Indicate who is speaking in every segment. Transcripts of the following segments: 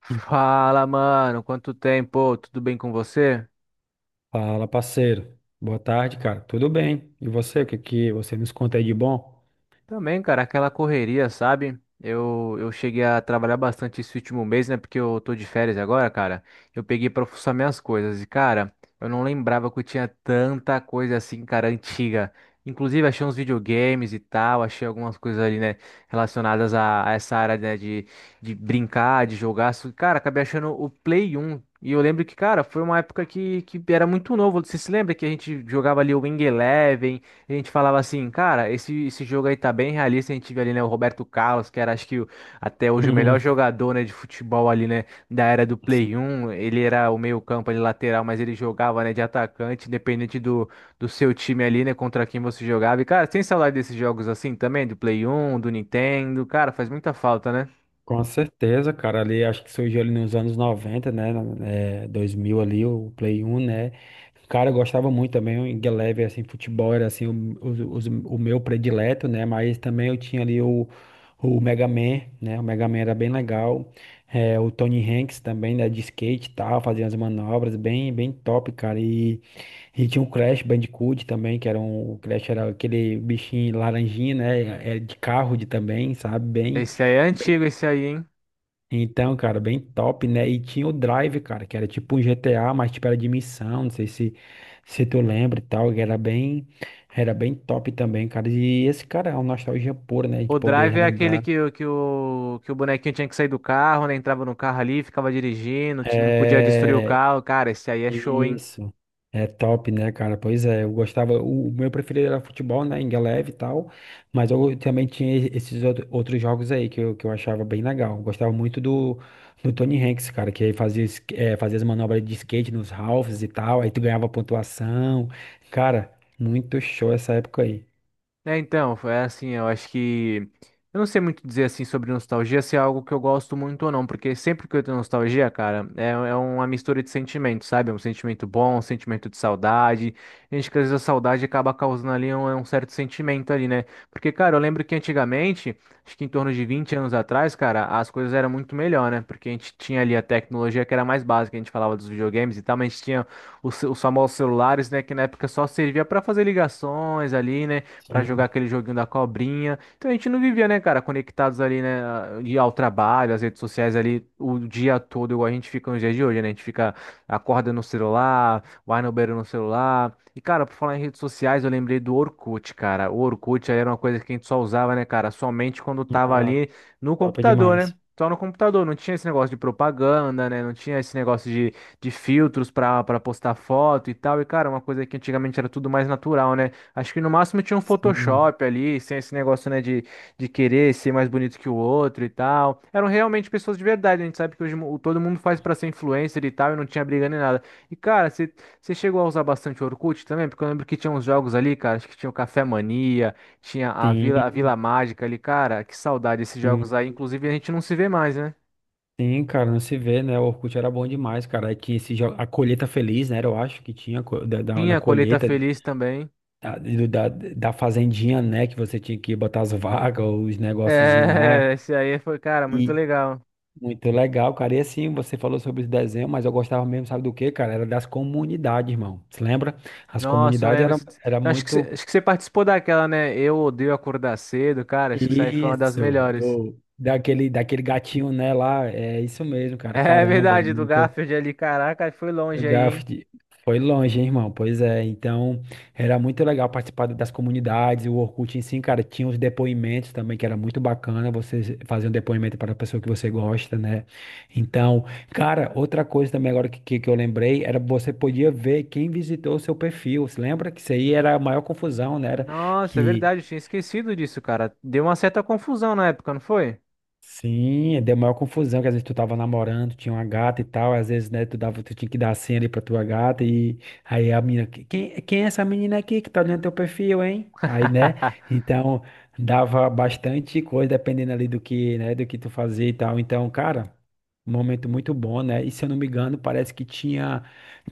Speaker 1: Fala, mano, quanto tempo? Tudo bem com você?
Speaker 2: Fala, parceiro. Boa tarde, cara. Tudo bem? E você? O que que você nos conta aí de bom?
Speaker 1: Também, cara, aquela correria, sabe? Eu cheguei a trabalhar bastante esse último mês, né? Porque eu tô de férias agora, cara. Eu peguei pra fuçar minhas coisas. E, cara, eu não lembrava que eu tinha tanta coisa assim, cara, antiga. Inclusive, achei uns videogames e tal. Achei algumas coisas ali, né? Relacionadas a essa área, né? De brincar, de jogar. Só que, cara, acabei achando o Play 1. E eu lembro que, cara, foi uma época que era muito novo. Você se lembra que a gente jogava ali o Wing Eleven? A gente falava assim, cara, esse jogo aí tá bem realista. A gente vê ali, né, o Roberto Carlos, que era, acho que, até hoje o melhor
Speaker 2: Uhum.
Speaker 1: jogador, né, de futebol ali, né, da era do Play 1. Ele era o meio-campo ali, lateral, mas ele jogava, né, de atacante, independente do seu time ali, né, contra quem você jogava. E, cara, tem saudade desses jogos assim também, do Play 1, do Nintendo. Cara, faz muita falta, né?
Speaker 2: Com certeza, cara. Ali acho que surgiu ali nos anos 90, né? É, 2000 ali, o Play 1, né? Cara, eu gostava muito também. O Ingeleve, assim, futebol era assim, o meu predileto, né? Mas também eu tinha ali o Mega Man, né? O Mega Man era bem legal. É, o Tony Hanks também, né? De skate e tal, fazia as manobras bem, bem top, cara. E tinha um Crash Bandicoot também, que era um. O Crash era aquele bichinho laranjinha, né? É de carro de também, sabe? Bem,
Speaker 1: Esse aí é
Speaker 2: bem.
Speaker 1: antigo, esse aí, hein?
Speaker 2: Então, cara, bem top, né? E tinha o Drive, cara, que era tipo um GTA, mas tipo era de missão, não sei se tu lembra e tal, que era bem top também, cara. E esse cara é uma nostalgia pura, né? De
Speaker 1: O
Speaker 2: poder
Speaker 1: drive é aquele
Speaker 2: relembrar.
Speaker 1: que, que o bonequinho tinha que sair do carro, né? Entrava no carro ali, ficava dirigindo, não podia destruir o
Speaker 2: É.
Speaker 1: carro. Cara, esse aí é show, hein?
Speaker 2: Isso. É top, né, cara? Pois é, eu gostava. O meu preferido era futebol, né? Ingeleve e tal. Mas eu também tinha esses outros jogos aí que eu achava bem legal. Gostava muito do Tony Hanks, cara, que aí fazia as manobras de skate nos halves e tal. Aí tu ganhava pontuação. Cara, muito show essa época aí.
Speaker 1: É, então, foi assim, eu acho que. Eu não sei muito dizer assim sobre nostalgia, se é algo que eu gosto muito ou não, porque sempre que eu tenho nostalgia, cara, é uma mistura de sentimentos, sabe? É um sentimento bom, um sentimento de saudade. A gente, que às vezes a saudade acaba causando ali um certo sentimento ali, né? Porque, cara, eu lembro que antigamente, acho que em torno de 20 anos atrás, cara, as coisas eram muito melhor, né? Porque a gente tinha ali a tecnologia que era mais básica, a gente falava dos videogames e tal, mas a gente tinha os famosos celulares, né? Que na época só servia pra fazer ligações ali, né? Pra jogar
Speaker 2: Sim.
Speaker 1: aquele joguinho da cobrinha. Então a gente não vivia, né, cara, conectados ali, né, de ao trabalho, às redes sociais ali o dia todo, igual a gente fica nos dias de hoje, né? A gente fica, acorda no celular, vai no banheiro no celular. E, cara, por falar em redes sociais, eu lembrei do Orkut, cara. O Orkut aí era uma coisa que a gente só usava, né, cara, somente quando tava
Speaker 2: Ah,
Speaker 1: ali no
Speaker 2: top
Speaker 1: computador, né?
Speaker 2: demais.
Speaker 1: Só no computador, não tinha esse negócio de propaganda, né? Não tinha esse negócio de filtros pra postar foto e tal. E, cara, uma coisa que antigamente era tudo mais natural, né? Acho que no máximo tinha um
Speaker 2: Sim.
Speaker 1: Photoshop ali, sem esse negócio, né, de querer ser mais bonito que o outro e tal. Eram realmente pessoas de verdade, a gente sabe que hoje todo mundo faz pra ser influencer e tal, e não tinha briga nem nada. E, cara, você chegou a usar bastante o Orkut também? Porque eu lembro que tinha uns jogos ali, cara, acho que tinha o Café Mania, tinha a Vila
Speaker 2: Sim.
Speaker 1: Mágica ali, cara, que saudade esses jogos
Speaker 2: Sim.
Speaker 1: aí. Inclusive, a gente não se vê mais, né?
Speaker 2: Sim, cara, não se vê, né? O Orkut era bom demais, cara. Aí tinha a colheita feliz, né? Eu acho que tinha da
Speaker 1: Tinha a Colheita
Speaker 2: colheita
Speaker 1: Feliz também.
Speaker 2: da fazendinha, né? Que você tinha que botar as vagas, os negócios lá.
Speaker 1: É, esse aí foi, cara, muito
Speaker 2: E
Speaker 1: legal.
Speaker 2: muito legal, cara. E assim, você falou sobre os desenhos, mas eu gostava mesmo, sabe do quê, cara? Era das comunidades, irmão. Você lembra? As
Speaker 1: Nossa, eu
Speaker 2: comunidades
Speaker 1: lembro.
Speaker 2: era, era
Speaker 1: Então, acho que,
Speaker 2: muito.
Speaker 1: acho que você participou daquela, né? Eu odeio acordar cedo, cara. Acho que isso aí foi uma das
Speaker 2: Isso,
Speaker 1: melhores.
Speaker 2: daquele gatinho, né? Lá, é isso mesmo, cara.
Speaker 1: É
Speaker 2: Caramba, é
Speaker 1: verdade, do
Speaker 2: muito.
Speaker 1: Garfield ali. Caraca, foi
Speaker 2: O
Speaker 1: longe aí, hein?
Speaker 2: Garfield foi longe, hein, irmão? Pois é, então era muito legal participar das comunidades. O Orkut em si, cara, tinha os depoimentos também, que era muito bacana você fazer um depoimento para a pessoa que você gosta, né? Então, cara, outra coisa também agora que eu lembrei, era você podia ver quem visitou o seu perfil. Você lembra que isso aí era a maior confusão, né? Era
Speaker 1: Nossa, é
Speaker 2: que
Speaker 1: verdade. Eu tinha esquecido disso, cara. Deu uma certa confusão na época, não foi?
Speaker 2: Sim, deu maior confusão, que às vezes tu tava namorando, tinha uma gata e tal, às vezes, né, tu tinha que dar a senha ali pra tua gata e aí a menina: "Quem é essa menina aqui que tá olhando teu perfil, hein?" Aí, né, então dava bastante coisa dependendo ali do que, né, do que tu fazia e tal. Então, cara, um momento muito bom, né? E se eu não me engano, parece que tinha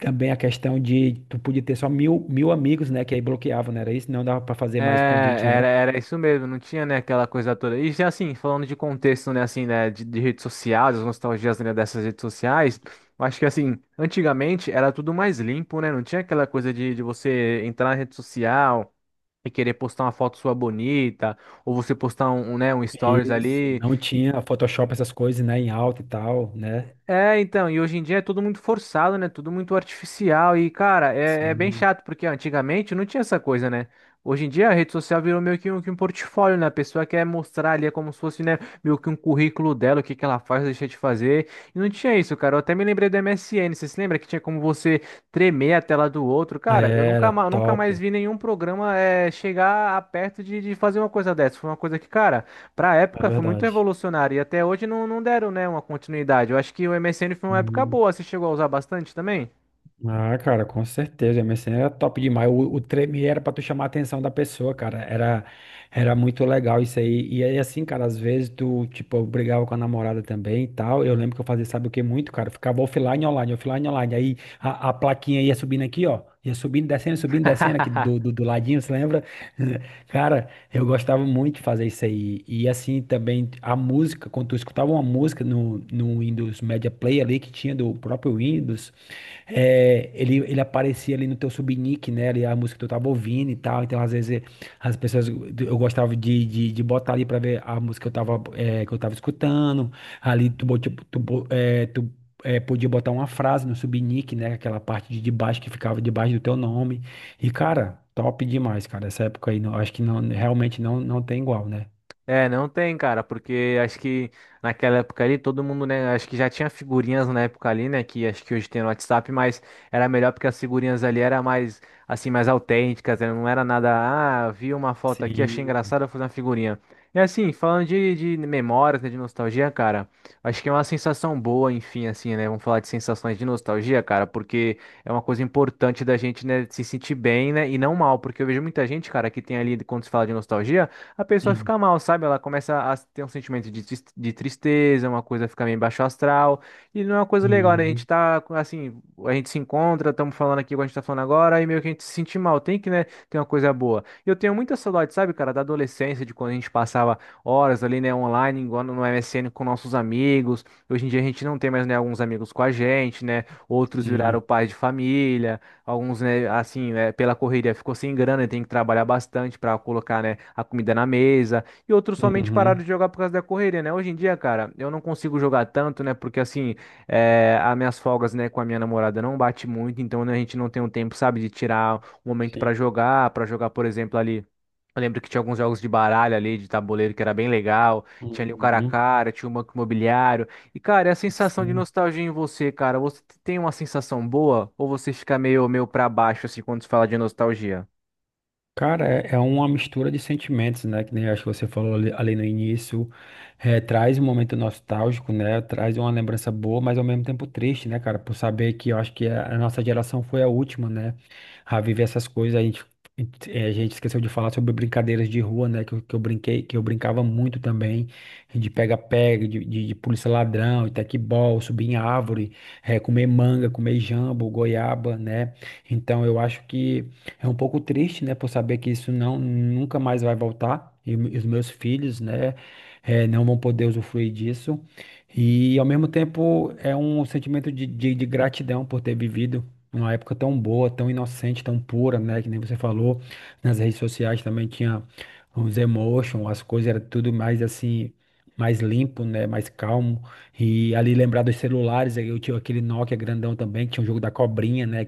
Speaker 2: também a questão de tu podia ter só mil amigos, né, que aí bloqueavam, não era isso? Não dava pra fazer
Speaker 1: É,
Speaker 2: mais convite, né?
Speaker 1: era isso mesmo, não tinha, né, aquela coisa toda. E já, assim, falando de contexto, né, assim, né, de redes sociais, as nostalgias, né, dessas redes sociais, eu acho que, assim, antigamente era tudo mais limpo, né, não tinha aquela coisa de você entrar na rede social, e querer postar uma foto sua bonita, ou você postar um stories
Speaker 2: Isso,
Speaker 1: ali.
Speaker 2: não
Speaker 1: E
Speaker 2: tinha Photoshop, essas coisas, né, em alta e tal, né?
Speaker 1: É, então, e hoje em dia é tudo muito forçado, né? Tudo muito artificial. E, cara, é bem
Speaker 2: Sim.
Speaker 1: chato, porque antigamente não tinha essa coisa, né? Hoje em dia a rede social virou meio que um portfólio, né? A pessoa quer mostrar ali, é como se fosse, né, meio que um currículo dela, o que que ela faz, deixa de fazer. E não tinha isso, cara. Eu até me lembrei do MSN. Você se lembra que tinha como você tremer a tela do outro? Cara, eu nunca,
Speaker 2: Era
Speaker 1: nunca
Speaker 2: top,
Speaker 1: mais vi nenhum programa chegar a perto de fazer uma coisa dessa. Foi uma coisa que, cara. Pra
Speaker 2: é
Speaker 1: época foi muito
Speaker 2: verdade.
Speaker 1: revolucionário e até hoje não deram, né, uma continuidade. Eu acho que o MSN foi uma época
Speaker 2: Uhum.
Speaker 1: boa. Você chegou a usar bastante também?
Speaker 2: Ah, cara, com certeza. O MSN era top demais. O treme era pra tu chamar a atenção da pessoa, cara. Era muito legal isso aí. E aí, assim, cara, às vezes tipo, eu brigava com a namorada também e tal. Eu lembro que eu fazia, sabe o que muito, cara? Eu ficava offline, online, offline, online. Aí a plaquinha ia subindo aqui, ó. Ia subindo, descendo aqui do ladinho, você lembra? Cara, eu gostava muito de fazer isso aí. E assim também a música, quando tu escutava uma música no Windows Media Player ali que tinha do próprio Windows. É, ele aparecia ali no teu subnick, né? Ali a música que tu tava ouvindo e tal. Então, às vezes, as pessoas. Eu gostava de botar ali pra ver a música que eu tava, escutando. Ali tu, bot- tu, bo- é, tu é, podia botar uma frase no subnick, né? Aquela parte de debaixo que ficava debaixo do teu nome. E, cara, top demais, cara. Essa época aí, não, acho que não, realmente não tem igual, né?
Speaker 1: É, não tem, cara, porque acho que naquela época ali todo mundo, né, acho que já tinha figurinhas na época ali, né, que acho que hoje tem no WhatsApp, mas era melhor porque as figurinhas ali era mais, assim, mais autênticas, né, não era nada, ah, vi uma foto aqui, achei
Speaker 2: Sim.
Speaker 1: engraçado, vou fazer uma figurinha. E assim, falando de memórias, né, de nostalgia, cara, acho que é uma sensação boa, enfim, assim, né, vamos falar de sensações de nostalgia, cara, porque é uma coisa importante da gente, né, se sentir bem, né, e não mal, porque eu vejo muita gente, cara, que tem ali, quando se fala de nostalgia, a pessoa fica mal, sabe? Ela começa a ter um sentimento de, de tristeza, uma coisa fica meio baixo astral, e não é uma coisa legal, né? A gente
Speaker 2: Uhum.
Speaker 1: tá, assim, a gente se encontra, estamos falando aqui o que a gente tá falando agora, e meio que a gente se sente mal, tem que, né, ter uma coisa boa. E eu tenho muita saudade, sabe, cara, da adolescência, de quando a gente passava horas ali, né, online, igual no MSN com nossos amigos. Hoje em dia a gente não tem mais, né, alguns amigos com a gente, né? Outros viraram
Speaker 2: Sim.
Speaker 1: pais de família. Alguns, né, assim, né, pela correria ficou sem grana e tem que trabalhar bastante para colocar, né, a comida na mesa. E outros somente pararam
Speaker 2: Uhum.
Speaker 1: de jogar por causa da correria, né? Hoje em dia, cara, eu não consigo jogar tanto, né? Porque, assim, é, as minhas folgas, né, com a minha namorada não bate muito. Então, né, a gente não tem um tempo, sabe, de tirar um momento
Speaker 2: Sim.
Speaker 1: para jogar, por exemplo, ali. Eu lembro que tinha alguns jogos de baralho ali, de tabuleiro, que era bem legal. Tinha ali o cara a
Speaker 2: Uhum.
Speaker 1: cara, tinha o banco imobiliário. E, cara, é a sensação de
Speaker 2: Sim.
Speaker 1: nostalgia em você, cara. Você tem uma sensação boa ou você fica meio, meio pra baixo, assim, quando se fala de nostalgia?
Speaker 2: Cara, é uma mistura de sentimentos, né? Que nem acho que você falou ali no início. Traz um momento nostálgico, né? Traz uma lembrança boa, mas ao mesmo tempo triste, né, cara? Por saber que eu acho que a nossa geração foi a última, né? A viver essas coisas. A gente esqueceu de falar sobre brincadeiras de rua, né? Que eu brincava muito também, de pega-pega, de polícia-ladrão, de tecbol, subir em árvore, comer manga, comer jambo, goiaba, né? Então eu acho que. É um pouco triste, né, por saber que isso não nunca mais vai voltar e, os meus filhos, né, não vão poder usufruir disso. E ao mesmo tempo é um sentimento de gratidão por ter vivido uma época tão boa, tão inocente, tão pura, né, que nem você falou. Nas redes sociais também tinha os emotions, as coisas era tudo mais assim, mais limpo, né, mais calmo. E ali lembrar dos celulares, aí eu tinha aquele Nokia grandão também, que tinha o jogo da cobrinha, né,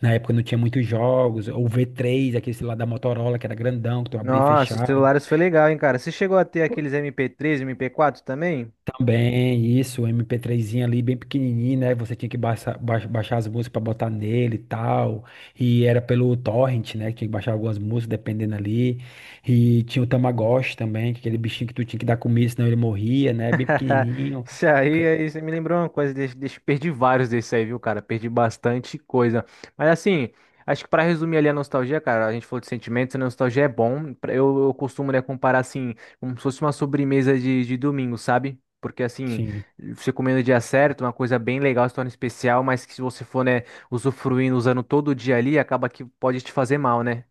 Speaker 2: na época não tinha muitos jogos, ou V3, aquele lá da Motorola, que era grandão, que tu abria e
Speaker 1: Nossa, os
Speaker 2: fechava.
Speaker 1: celulares foi legal, hein, cara? Você chegou a ter
Speaker 2: Pô,
Speaker 1: aqueles MP3, MP4 também?
Speaker 2: também, isso, o MP3zinho ali, bem pequenininho, né? Você tinha que baixar as músicas pra botar nele e tal. E era pelo torrent, né? Que tinha que baixar algumas músicas, dependendo ali. E tinha o Tamagotchi também, que é aquele bichinho que tu tinha que dar comida, senão ele morria, né? Bem pequenininho.
Speaker 1: Isso aí,
Speaker 2: Ca-
Speaker 1: aí você me lembrou uma coisa, deixa, perdi vários desses aí, viu, cara? Perdi bastante coisa. Mas assim, acho que pra resumir ali a nostalgia, cara, a gente falou de sentimentos, a nostalgia é bom. Eu costumo, né, comparar assim, como se fosse uma sobremesa de domingo, sabe? Porque assim,
Speaker 2: Sim.
Speaker 1: você comendo no dia certo, uma coisa bem legal, se torna especial, mas que se você for, né, usufruindo, usando todo dia ali, acaba que pode te fazer mal, né?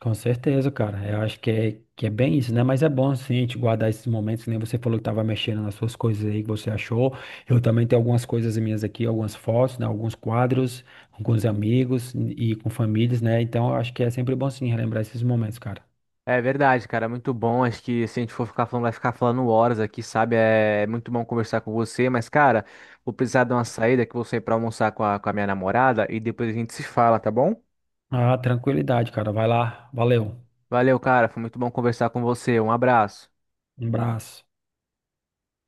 Speaker 2: Com certeza, cara. Eu acho que é, bem isso, né? Mas é bom, sim, a gente guardar esses momentos. Que nem você falou que tava mexendo nas suas coisas aí que você achou. Eu também tenho algumas coisas minhas aqui, algumas fotos, né? Alguns quadros, alguns amigos e com famílias, né? Então, eu acho que é sempre bom, sim, relembrar esses momentos, cara.
Speaker 1: É verdade, cara, é muito bom. Acho que se a gente for ficar falando, vai ficar falando horas aqui, sabe? É muito bom conversar com você, mas, cara, vou precisar dar uma saída que eu vou sair pra almoçar com a minha namorada e depois a gente se fala, tá bom?
Speaker 2: Ah, tranquilidade, cara. Vai lá. Valeu.
Speaker 1: Valeu, cara, foi muito bom conversar com você. Um abraço.
Speaker 2: Um abraço.